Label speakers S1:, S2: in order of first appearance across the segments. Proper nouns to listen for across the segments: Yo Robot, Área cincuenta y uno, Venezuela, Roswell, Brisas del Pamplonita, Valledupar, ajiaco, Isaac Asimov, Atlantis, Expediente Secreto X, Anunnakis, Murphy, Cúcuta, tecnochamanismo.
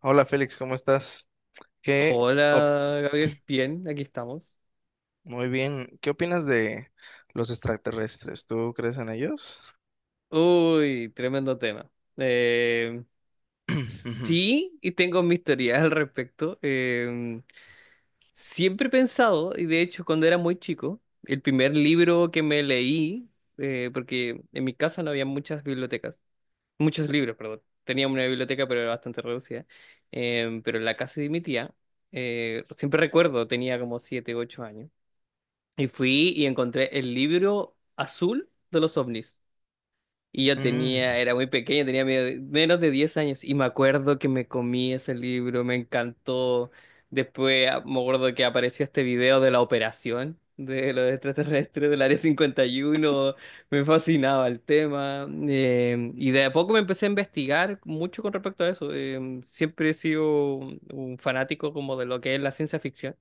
S1: Hola Félix, ¿cómo estás? ¿Qué op-
S2: Hola, Gabriel. Bien, aquí estamos.
S1: muy bien. ¿Qué opinas de los extraterrestres? ¿Tú crees en ellos?
S2: Uy, tremendo tema. Eh,
S1: Ujú,
S2: sí, y tengo mis teorías al respecto. Siempre he pensado, y de hecho cuando era muy chico, el primer libro que me leí, porque en mi casa no había muchas bibliotecas, muchos libros, perdón. Tenía una biblioteca, pero era bastante reducida. Pero en la casa de mi tía, siempre recuerdo, tenía como 7, 8 años. Y fui y encontré el libro azul de los ovnis. Y yo tenía,
S1: mm,
S2: era muy pequeño, tenía menos de 10 años. Y me acuerdo que me comí ese libro, me encantó. Después me acuerdo que apareció este video de la operación de los extraterrestres del Área 51. Me fascinaba el tema. Y de a poco me empecé a investigar mucho con respecto a eso. Siempre he sido un fanático como de lo que es la ciencia ficción.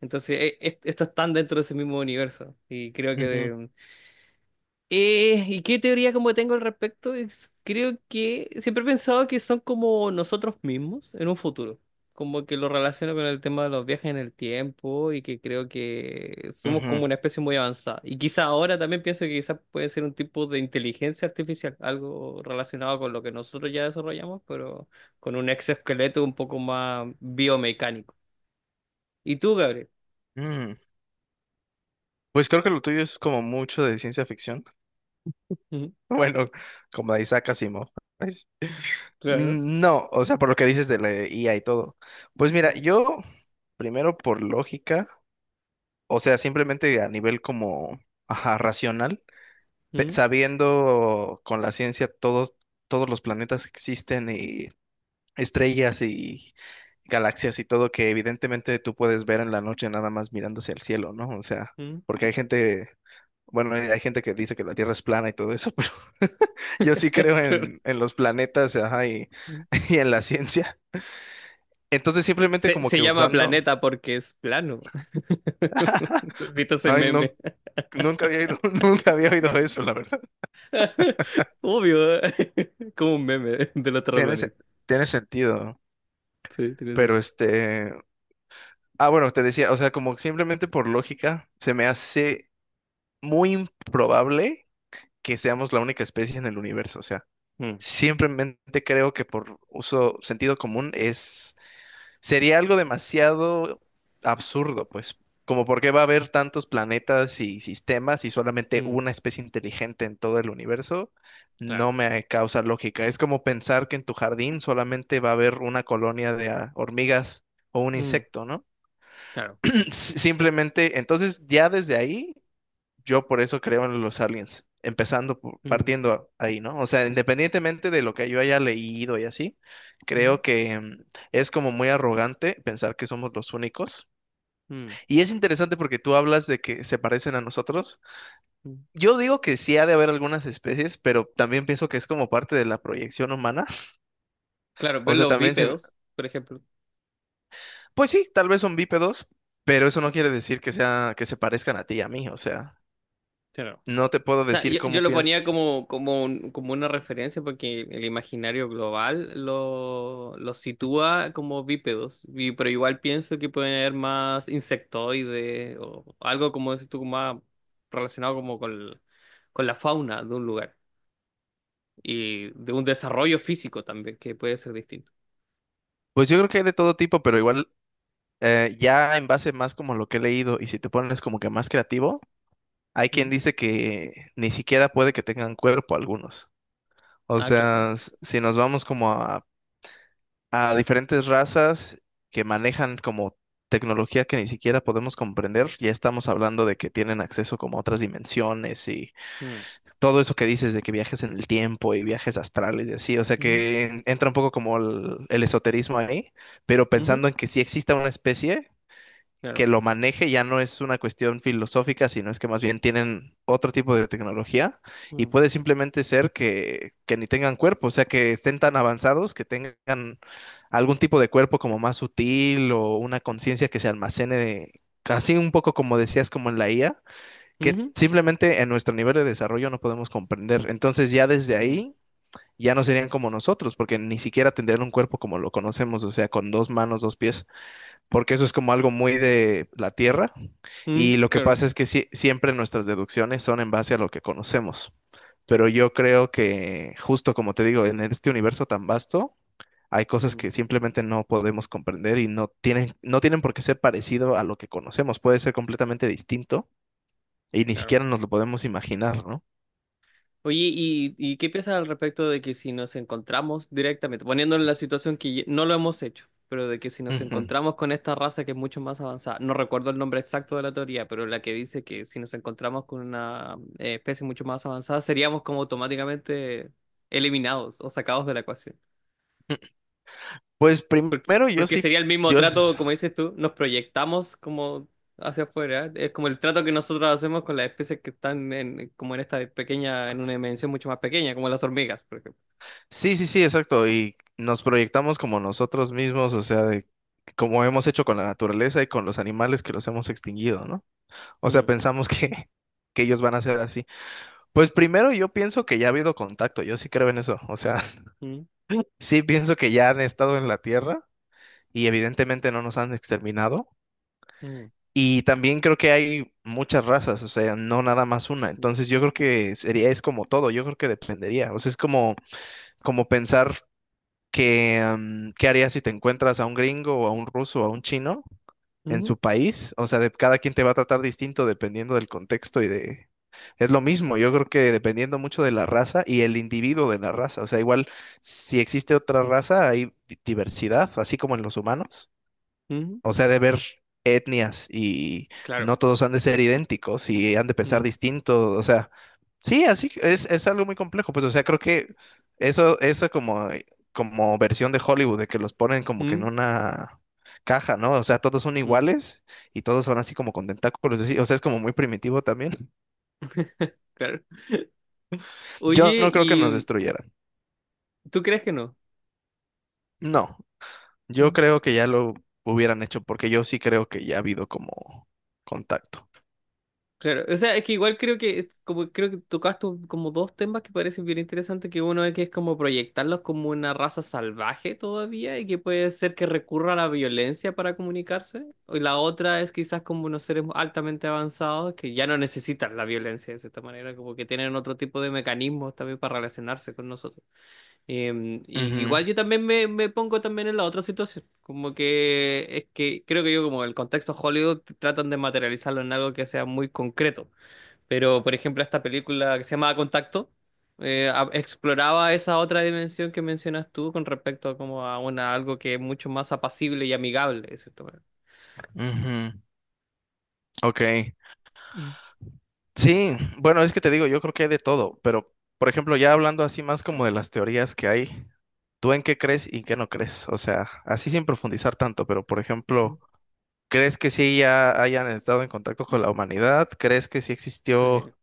S2: Entonces, estos están dentro de ese mismo universo. Y creo que
S1: ujú,
S2: ¿y qué teoría como tengo al respecto? Creo que siempre he pensado que son como nosotros mismos en un futuro. Como que lo relaciono con el tema de los viajes en el tiempo y que creo que somos
S1: ujú,
S2: como una especie muy avanzada. Y quizá ahora también pienso que quizás puede ser un tipo de inteligencia artificial, algo relacionado con lo que nosotros ya desarrollamos, pero con un exoesqueleto un poco más biomecánico. ¿Y tú, Gabriel?
S1: mm. Pues creo que lo tuyo es como mucho de ciencia ficción.
S2: Ujú.
S1: Bueno, como de Isaac Asimov, ¿sabes?
S2: Claro.
S1: Mm, no, o sea, por lo que dices de la IA y todo. Pues mira,
S2: Ujú,
S1: yo primero por lógica, o sea, simplemente a nivel como, ajá, racional. pe-
S2: ujú,
S1: sabiendo con la ciencia todos los planetas que existen y estrellas y galaxias y todo que evidentemente tú puedes ver en la noche nada más mirando hacia el cielo, ¿no? O sea,
S2: ujú.
S1: porque hay gente, bueno, hay gente que dice que la Tierra es plana y todo eso, pero yo sí creo
S2: Claro.
S1: en los planetas, ajá, y, y en la ciencia. Entonces simplemente
S2: Se,
S1: como
S2: se
S1: que
S2: llama
S1: usando.
S2: planeta porque es plano. ¿Viste ese
S1: Ay, no,
S2: meme?
S1: nunca había oído, nunca había oído eso, la verdad.
S2: Obvio, ¿eh? Como un meme del otro
S1: Tiene, se-
S2: planeta.
S1: tiene sentido,
S2: Sí, tienes...
S1: pero este. Ah, bueno, te decía, o sea, como simplemente por lógica, se me hace muy improbable que seamos la única especie en el universo. O sea,
S2: Mm,
S1: simplemente creo que por uso sentido común sería algo demasiado absurdo, pues. Como por qué va a haber tantos planetas y sistemas y solamente
S2: mm,
S1: una especie inteligente en todo el universo,
S2: claro.
S1: no me causa lógica. Es como pensar que en tu jardín solamente va a haber una colonia de hormigas o un
S2: Mm,
S1: insecto, ¿no?
S2: claro.
S1: Simplemente, entonces ya desde ahí, yo por eso creo en los aliens, empezando,
S2: Mm,
S1: partiendo ahí, ¿no? O sea, independientemente de lo que yo haya leído y así,
S2: mm,
S1: creo que es como muy arrogante pensar que somos los únicos.
S2: mm,
S1: Y es interesante porque tú hablas de que se parecen a nosotros.
S2: mm.
S1: Yo digo que sí ha de haber algunas especies, pero también pienso que es como parte de la proyección humana.
S2: Claro,
S1: O
S2: ver
S1: sea,
S2: los
S1: también se.
S2: bípedos, por ejemplo.
S1: Pues sí, tal vez son bípedos, pero eso no quiere decir que sea, que se parezcan a ti y a mí, o sea.
S2: Claro.
S1: No te puedo
S2: sea,
S1: decir
S2: yo
S1: cómo
S2: lo ponía
S1: piensas.
S2: como, como una referencia porque el imaginario global lo sitúa como bípedos, pero igual pienso que pueden haber más insectoides o algo como decís tú, más relacionado como con la fauna de un lugar y de un desarrollo físico también que puede ser distinto.
S1: Pues yo creo que hay de todo tipo, pero igual ya en base más como lo que he leído y si te pones como que más creativo, hay quien
S2: ¿Mm?
S1: dice que ni siquiera puede que tengan cuerpo algunos. O
S2: Ah, claro.
S1: sea, si nos vamos como a, diferentes razas que manejan como tecnología que ni siquiera podemos comprender, ya estamos hablando de que tienen acceso como a otras dimensiones y
S2: Mm,
S1: todo eso que dices de que viajes en el tiempo y viajes astrales y así, o sea
S2: mm,
S1: que entra un poco como el esoterismo ahí, pero
S2: ujú,
S1: pensando en que si exista una especie
S2: claro.
S1: que lo maneje, ya no es una cuestión filosófica, sino es que más bien tienen otro tipo de tecnología y
S2: Mm,
S1: puede simplemente ser que ni tengan cuerpo, o sea que estén tan avanzados que tengan algún tipo de cuerpo como más sutil o una conciencia que se almacene, casi un poco como decías, como en la IA que
S2: ujú,
S1: simplemente en nuestro nivel de desarrollo no podemos comprender. Entonces ya desde
S2: mm,
S1: ahí ya no serían como nosotros, porque ni siquiera tendrían un cuerpo como lo conocemos, o sea, con dos manos, dos pies, porque eso es como algo muy de la Tierra.
S2: mm,
S1: Y lo que
S2: claro.
S1: pasa es que siempre nuestras deducciones son en base a lo que conocemos. Pero
S2: Claro.
S1: yo creo que justo como te digo, en este universo tan vasto, hay cosas
S2: Mm,
S1: que simplemente no podemos comprender y no tienen por qué ser parecido a lo que conocemos, puede ser completamente distinto y ni
S2: claro.
S1: siquiera nos lo podemos imaginar, ¿no?
S2: Oye, y qué piensas al respecto de que si nos encontramos directamente, poniéndonos en la situación que no lo hemos hecho, pero de que si nos
S1: Ujú.
S2: encontramos con esta raza que es mucho más avanzada, no recuerdo el nombre exacto de la teoría, pero la que dice que si nos encontramos con una especie mucho más avanzada, seríamos como automáticamente eliminados o sacados de la ecuación?
S1: Pues
S2: Porque,
S1: primero yo
S2: porque
S1: sí,
S2: sería el mismo
S1: yo
S2: trato,
S1: s-
S2: como dices tú, nos proyectamos como hacia afuera, es como el trato que nosotros hacemos con las especies que están en, como en esta pequeña, en una dimensión mucho más pequeña, como las hormigas, por ejemplo.
S1: sí, sí, sí, exacto. Y nos proyectamos como nosotros mismos, o sea, de como hemos hecho con la naturaleza y con los animales que los hemos extinguido, ¿no? O sea,
S2: Mm,
S1: pensamos que ellos van a ser así. Pues primero yo pienso que ya ha habido contacto, yo sí creo en eso. O sea,
S2: mm,
S1: sí pienso que ya han estado en la Tierra y evidentemente no nos han exterminado.
S2: mm,
S1: Y también creo que hay muchas razas, o sea, no nada más una.
S2: mm,
S1: Entonces yo creo que sería, es como todo, yo creo que dependería. O sea, es como pensar qué harías si te encuentras a un gringo o a un ruso o a un chino en
S2: mm,
S1: su país. O sea, cada quien te va a tratar distinto dependiendo del contexto y de. Es lo mismo, yo creo que dependiendo mucho de la raza y el individuo de la raza. O sea, igual si existe otra raza hay diversidad, así como en los humanos.
S2: mm.
S1: O sea, de ver etnias y
S2: Claro.
S1: no todos han de ser idénticos y han de pensar
S2: Mm,
S1: distinto. O sea, sí, así que es algo muy complejo. Pues, o sea, creo que eso como versión de Hollywood, de que los ponen como que en
S2: mm,
S1: una caja, ¿no? O sea, todos son
S2: mm.
S1: iguales y todos son así como con tentáculos. Así, o sea, es como muy primitivo también.
S2: Claro.
S1: Yo
S2: Oye,
S1: no creo que nos
S2: ¿y
S1: destruyeran.
S2: tú crees que no?
S1: No. Yo
S2: Mm.
S1: creo que ya lo hubieran hecho porque yo sí creo que ya ha habido como contacto.
S2: Claro. O sea, es que igual creo que como creo que tocaste como dos temas que parecen bien interesantes, que uno es que es como proyectarlos como una raza salvaje todavía y que puede ser que recurra a la violencia para comunicarse. Y la otra es quizás como unos seres altamente avanzados que ya no necesitan la violencia de cierta manera, como que tienen otro tipo de mecanismos también para relacionarse con nosotros. Y
S1: Ujú,
S2: igual yo también me pongo también en la otra situación, como que es que creo que yo como el contexto Hollywood tratan de materializarlo en algo que sea muy concreto, pero por ejemplo esta película que se llama Contacto exploraba esa otra dimensión que mencionas tú con respecto a como a una algo que es mucho más apacible y amigable, de cierta manera.
S1: ujú, Ok.
S2: Mm.
S1: Sí, bueno, es que te digo, yo creo que hay de todo, pero por ejemplo, ya hablando así más como de las teorías que hay, ¿tú en qué crees y en qué no crees? O sea, así sin profundizar tanto, pero por ejemplo, ¿crees que sí ya hayan estado en contacto con la humanidad? ¿Crees que sí existió
S2: Sí.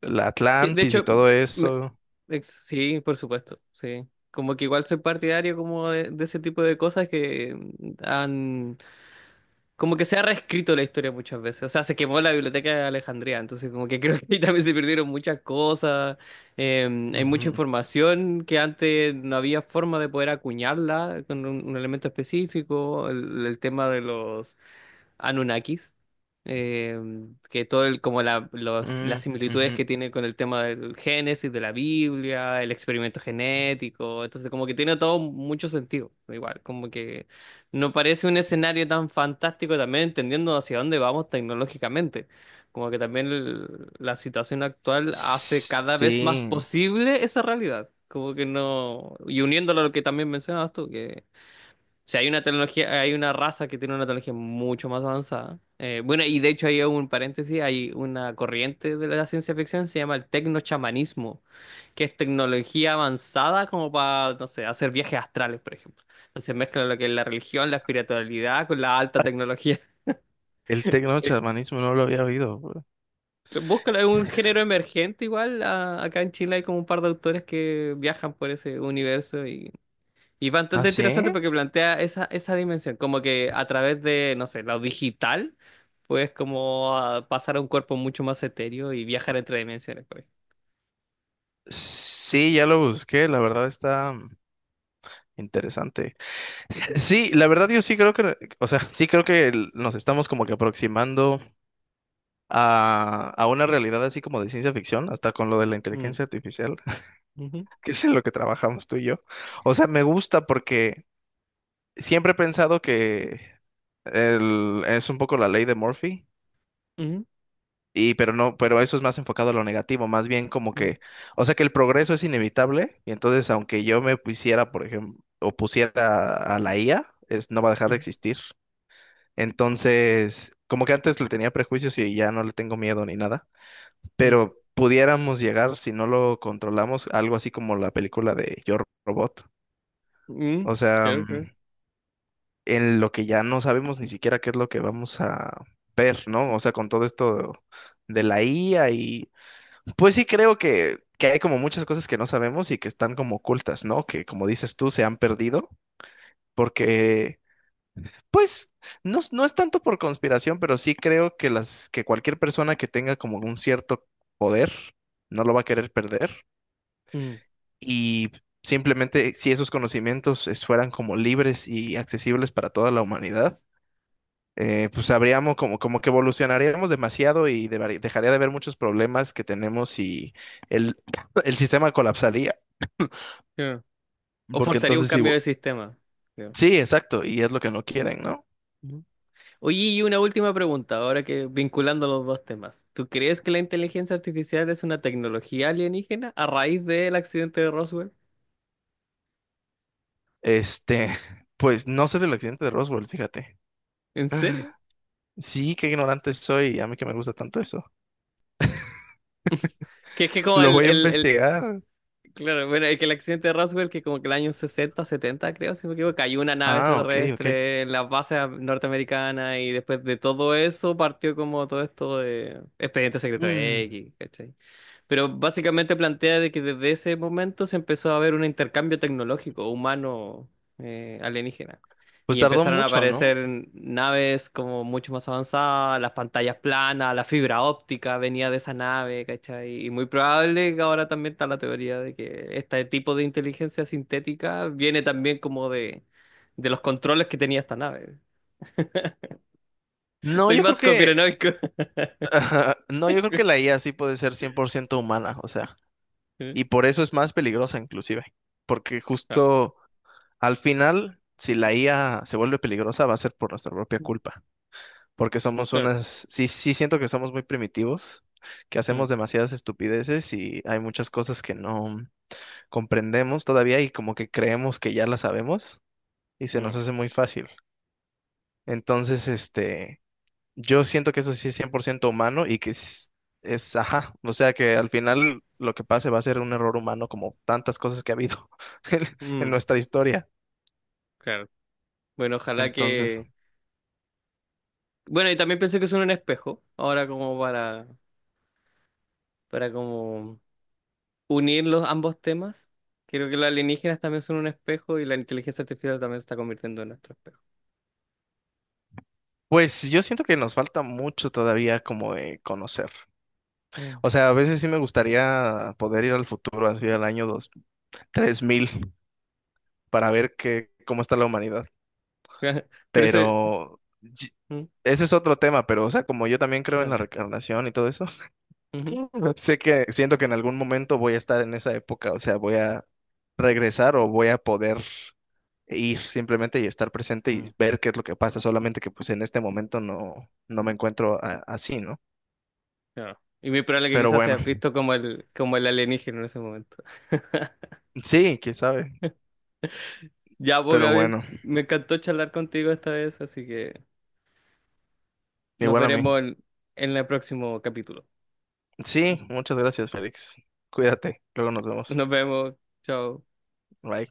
S1: la
S2: Sí, de
S1: Atlantis y
S2: hecho,
S1: todo
S2: me-
S1: eso?
S2: sí, por supuesto, sí. Como que igual soy partidario como de ese tipo de cosas que han... Como que se ha reescrito la historia muchas veces. O sea, se quemó la biblioteca de Alejandría, entonces como que creo que ahí también se perdieron muchas cosas. eh, Hay mucha
S1: Ujú,
S2: información que antes no había forma de poder acuñarla con un elemento específico. El tema de los... Anunnakis, eh, que todo el, como la, los,
S1: mm,
S2: las similitudes que
S1: ujú.
S2: tiene con el tema del Génesis, de la Biblia, el experimento genético, entonces como que tiene todo mucho sentido, igual, como que no parece un escenario tan fantástico también entendiendo hacia dónde vamos tecnológicamente, como que también la situación actual hace cada vez más
S1: Sí,
S2: posible esa realidad. Como que no, y uniéndolo a lo que también mencionabas tú, o sea, hay una tecnología, hay una raza que tiene una tecnología mucho más avanzada. Bueno, y de hecho hay un paréntesis, hay una corriente de la ciencia ficción, se llama el tecnochamanismo, que es tecnología avanzada como para, no sé, hacer viajes astrales, por ejemplo. Entonces mezcla lo que es la religión, la espiritualidad con la alta tecnología.
S1: el tecnochamanismo no lo había oído, güey.
S2: Búscalo, es un género emergente igual. Acá en Chile hay como un par de autores que viajan por ese universo y Y
S1: ¿Ah,
S2: bastante
S1: sí?
S2: interesante porque plantea esa, esa dimensión, como que a través de, no sé, lo digital, puedes como pasar a un cuerpo mucho más etéreo y viajar entre dimensiones, por ejemplo.
S1: Sí, ya lo busqué, la verdad está interesante. Sí, la verdad yo sí creo que, o sea, sí creo que nos estamos como que aproximando a una realidad así como de ciencia ficción, hasta con lo de la
S2: Mm,
S1: inteligencia artificial.
S2: ujú,
S1: Que es en lo que trabajamos tú y yo. O sea, me gusta porque siempre he pensado que es un poco la ley de Murphy,
S2: ujú,
S1: y pero no, pero eso es más enfocado a lo negativo, más bien como
S2: ujú,
S1: que, o sea, que el progreso es inevitable, y entonces aunque yo me pusiera, por ejemplo, o pusiera a la IA, es, no va a dejar de
S2: ujú,
S1: existir. Entonces, como que antes le tenía prejuicios y ya no le tengo miedo ni nada, pero pudiéramos llegar, si no lo controlamos, a algo así como la película de Yo Robot.
S2: mm, mm,
S1: O sea,
S2: creo que-
S1: en lo que ya no sabemos ni siquiera qué es lo que vamos a ver, ¿no? O sea, con todo esto de la IA y pues sí creo que, hay como muchas cosas que no sabemos y que están como ocultas, ¿no? Que como dices tú, se han perdido porque, pues, no, no es tanto por conspiración, pero sí creo que que cualquier persona que tenga como un cierto poder no lo va a querer perder
S2: mm,
S1: y simplemente si esos conocimientos fueran como libres y accesibles para toda la humanidad pues habríamos como, que evolucionaríamos demasiado y dejaría de haber muchos problemas que tenemos y el, el sistema colapsaría,
S2: creo. O
S1: porque
S2: forzaría un
S1: entonces sí,
S2: cambio de sistema, creo.
S1: sí, exacto, y es lo que no quieren, ¿no?
S2: Ujú. Oye, y una última pregunta, ahora que vinculando los dos temas. ¿Tú crees que la inteligencia artificial es una tecnología alienígena a raíz del accidente de Roswell?
S1: Este, pues no sé del accidente de Roswell, fíjate.
S2: ¿En serio?
S1: Sí, qué ignorante soy, a mí que me gusta tanto eso.
S2: Que es que como
S1: Lo voy a investigar.
S2: claro, bueno, es que el accidente de Roswell, que como que el año 60 70 creo, si no me equivoco, cayó una nave
S1: Ah, ok, ok.
S2: extraterrestre en las bases norteamericanas y después de todo eso partió como todo esto de Expediente Secreto
S1: Mm,
S2: X, ¿cachai? Pero básicamente plantea de que desde ese momento se empezó a ver un intercambio tecnológico humano alienígena.
S1: pues
S2: Y
S1: tardó
S2: empezaron a
S1: mucho, ¿no?
S2: aparecer naves como mucho más avanzadas, las pantallas planas, la fibra óptica venía de esa nave, ¿cachai? Y muy probable que ahora también está la teoría de que este tipo de inteligencia sintética viene también de los controles que tenía esta nave.
S1: No,
S2: Soy
S1: yo creo
S2: más
S1: que,
S2: conspiranoico.
S1: no, yo creo que la IA sí puede ser 100% humana, o sea. Y por eso es más peligrosa inclusive, porque
S2: Ah,
S1: justo al final, si la IA se vuelve peligrosa, va a ser por nuestra propia culpa, porque somos
S2: claro.
S1: sí, sí siento que somos muy primitivos, que
S2: Mm,
S1: hacemos demasiadas estupideces y hay muchas cosas que no comprendemos todavía y como que creemos que ya las sabemos y se nos
S2: mm,
S1: hace muy fácil. Entonces, este, yo siento que eso sí es 100% humano y que es, ajá, o sea que al final lo que pase va a ser un error humano como tantas cosas que ha habido en,
S2: mm,
S1: en
S2: mm,
S1: nuestra historia.
S2: claro. Bueno, ojalá
S1: Entonces,
S2: que bueno, y también pensé que son un espejo, ahora como para como unir los ambos temas. Creo que los alienígenas también son un espejo y la inteligencia artificial también se está convirtiendo en nuestro espejo.
S1: pues yo siento que nos falta mucho todavía como de conocer.
S2: Mm.
S1: O sea, a veces sí me gustaría poder ir al futuro, así al año dos 3000 para ver cómo está la humanidad.
S2: Pero eso...
S1: Pero
S2: Mm.
S1: ese es otro tema, pero o sea, como yo también creo en la
S2: Claro.
S1: reencarnación y todo eso.
S2: Ujú.
S1: Sé que siento que en algún momento voy a estar en esa época, o sea, voy a regresar o voy a poder ir simplemente y estar presente
S2: Mm.
S1: y ver qué es lo que pasa, solamente que pues en este momento no me encuentro así, ¿no?
S2: Claro. Y muy probable que
S1: Pero
S2: quizás
S1: bueno,
S2: seas visto como el alienígena en ese momento.
S1: sí, quién sabe,
S2: Ya, pues,
S1: pero
S2: Gabriel,
S1: bueno,
S2: me encantó charlar contigo esta vez, así que nos
S1: igual a
S2: veremos
S1: mí.
S2: en el próximo capítulo.
S1: Sí, muchas gracias, Félix. Cuídate, luego nos vemos.
S2: Nos vemos. Chao.
S1: Bye.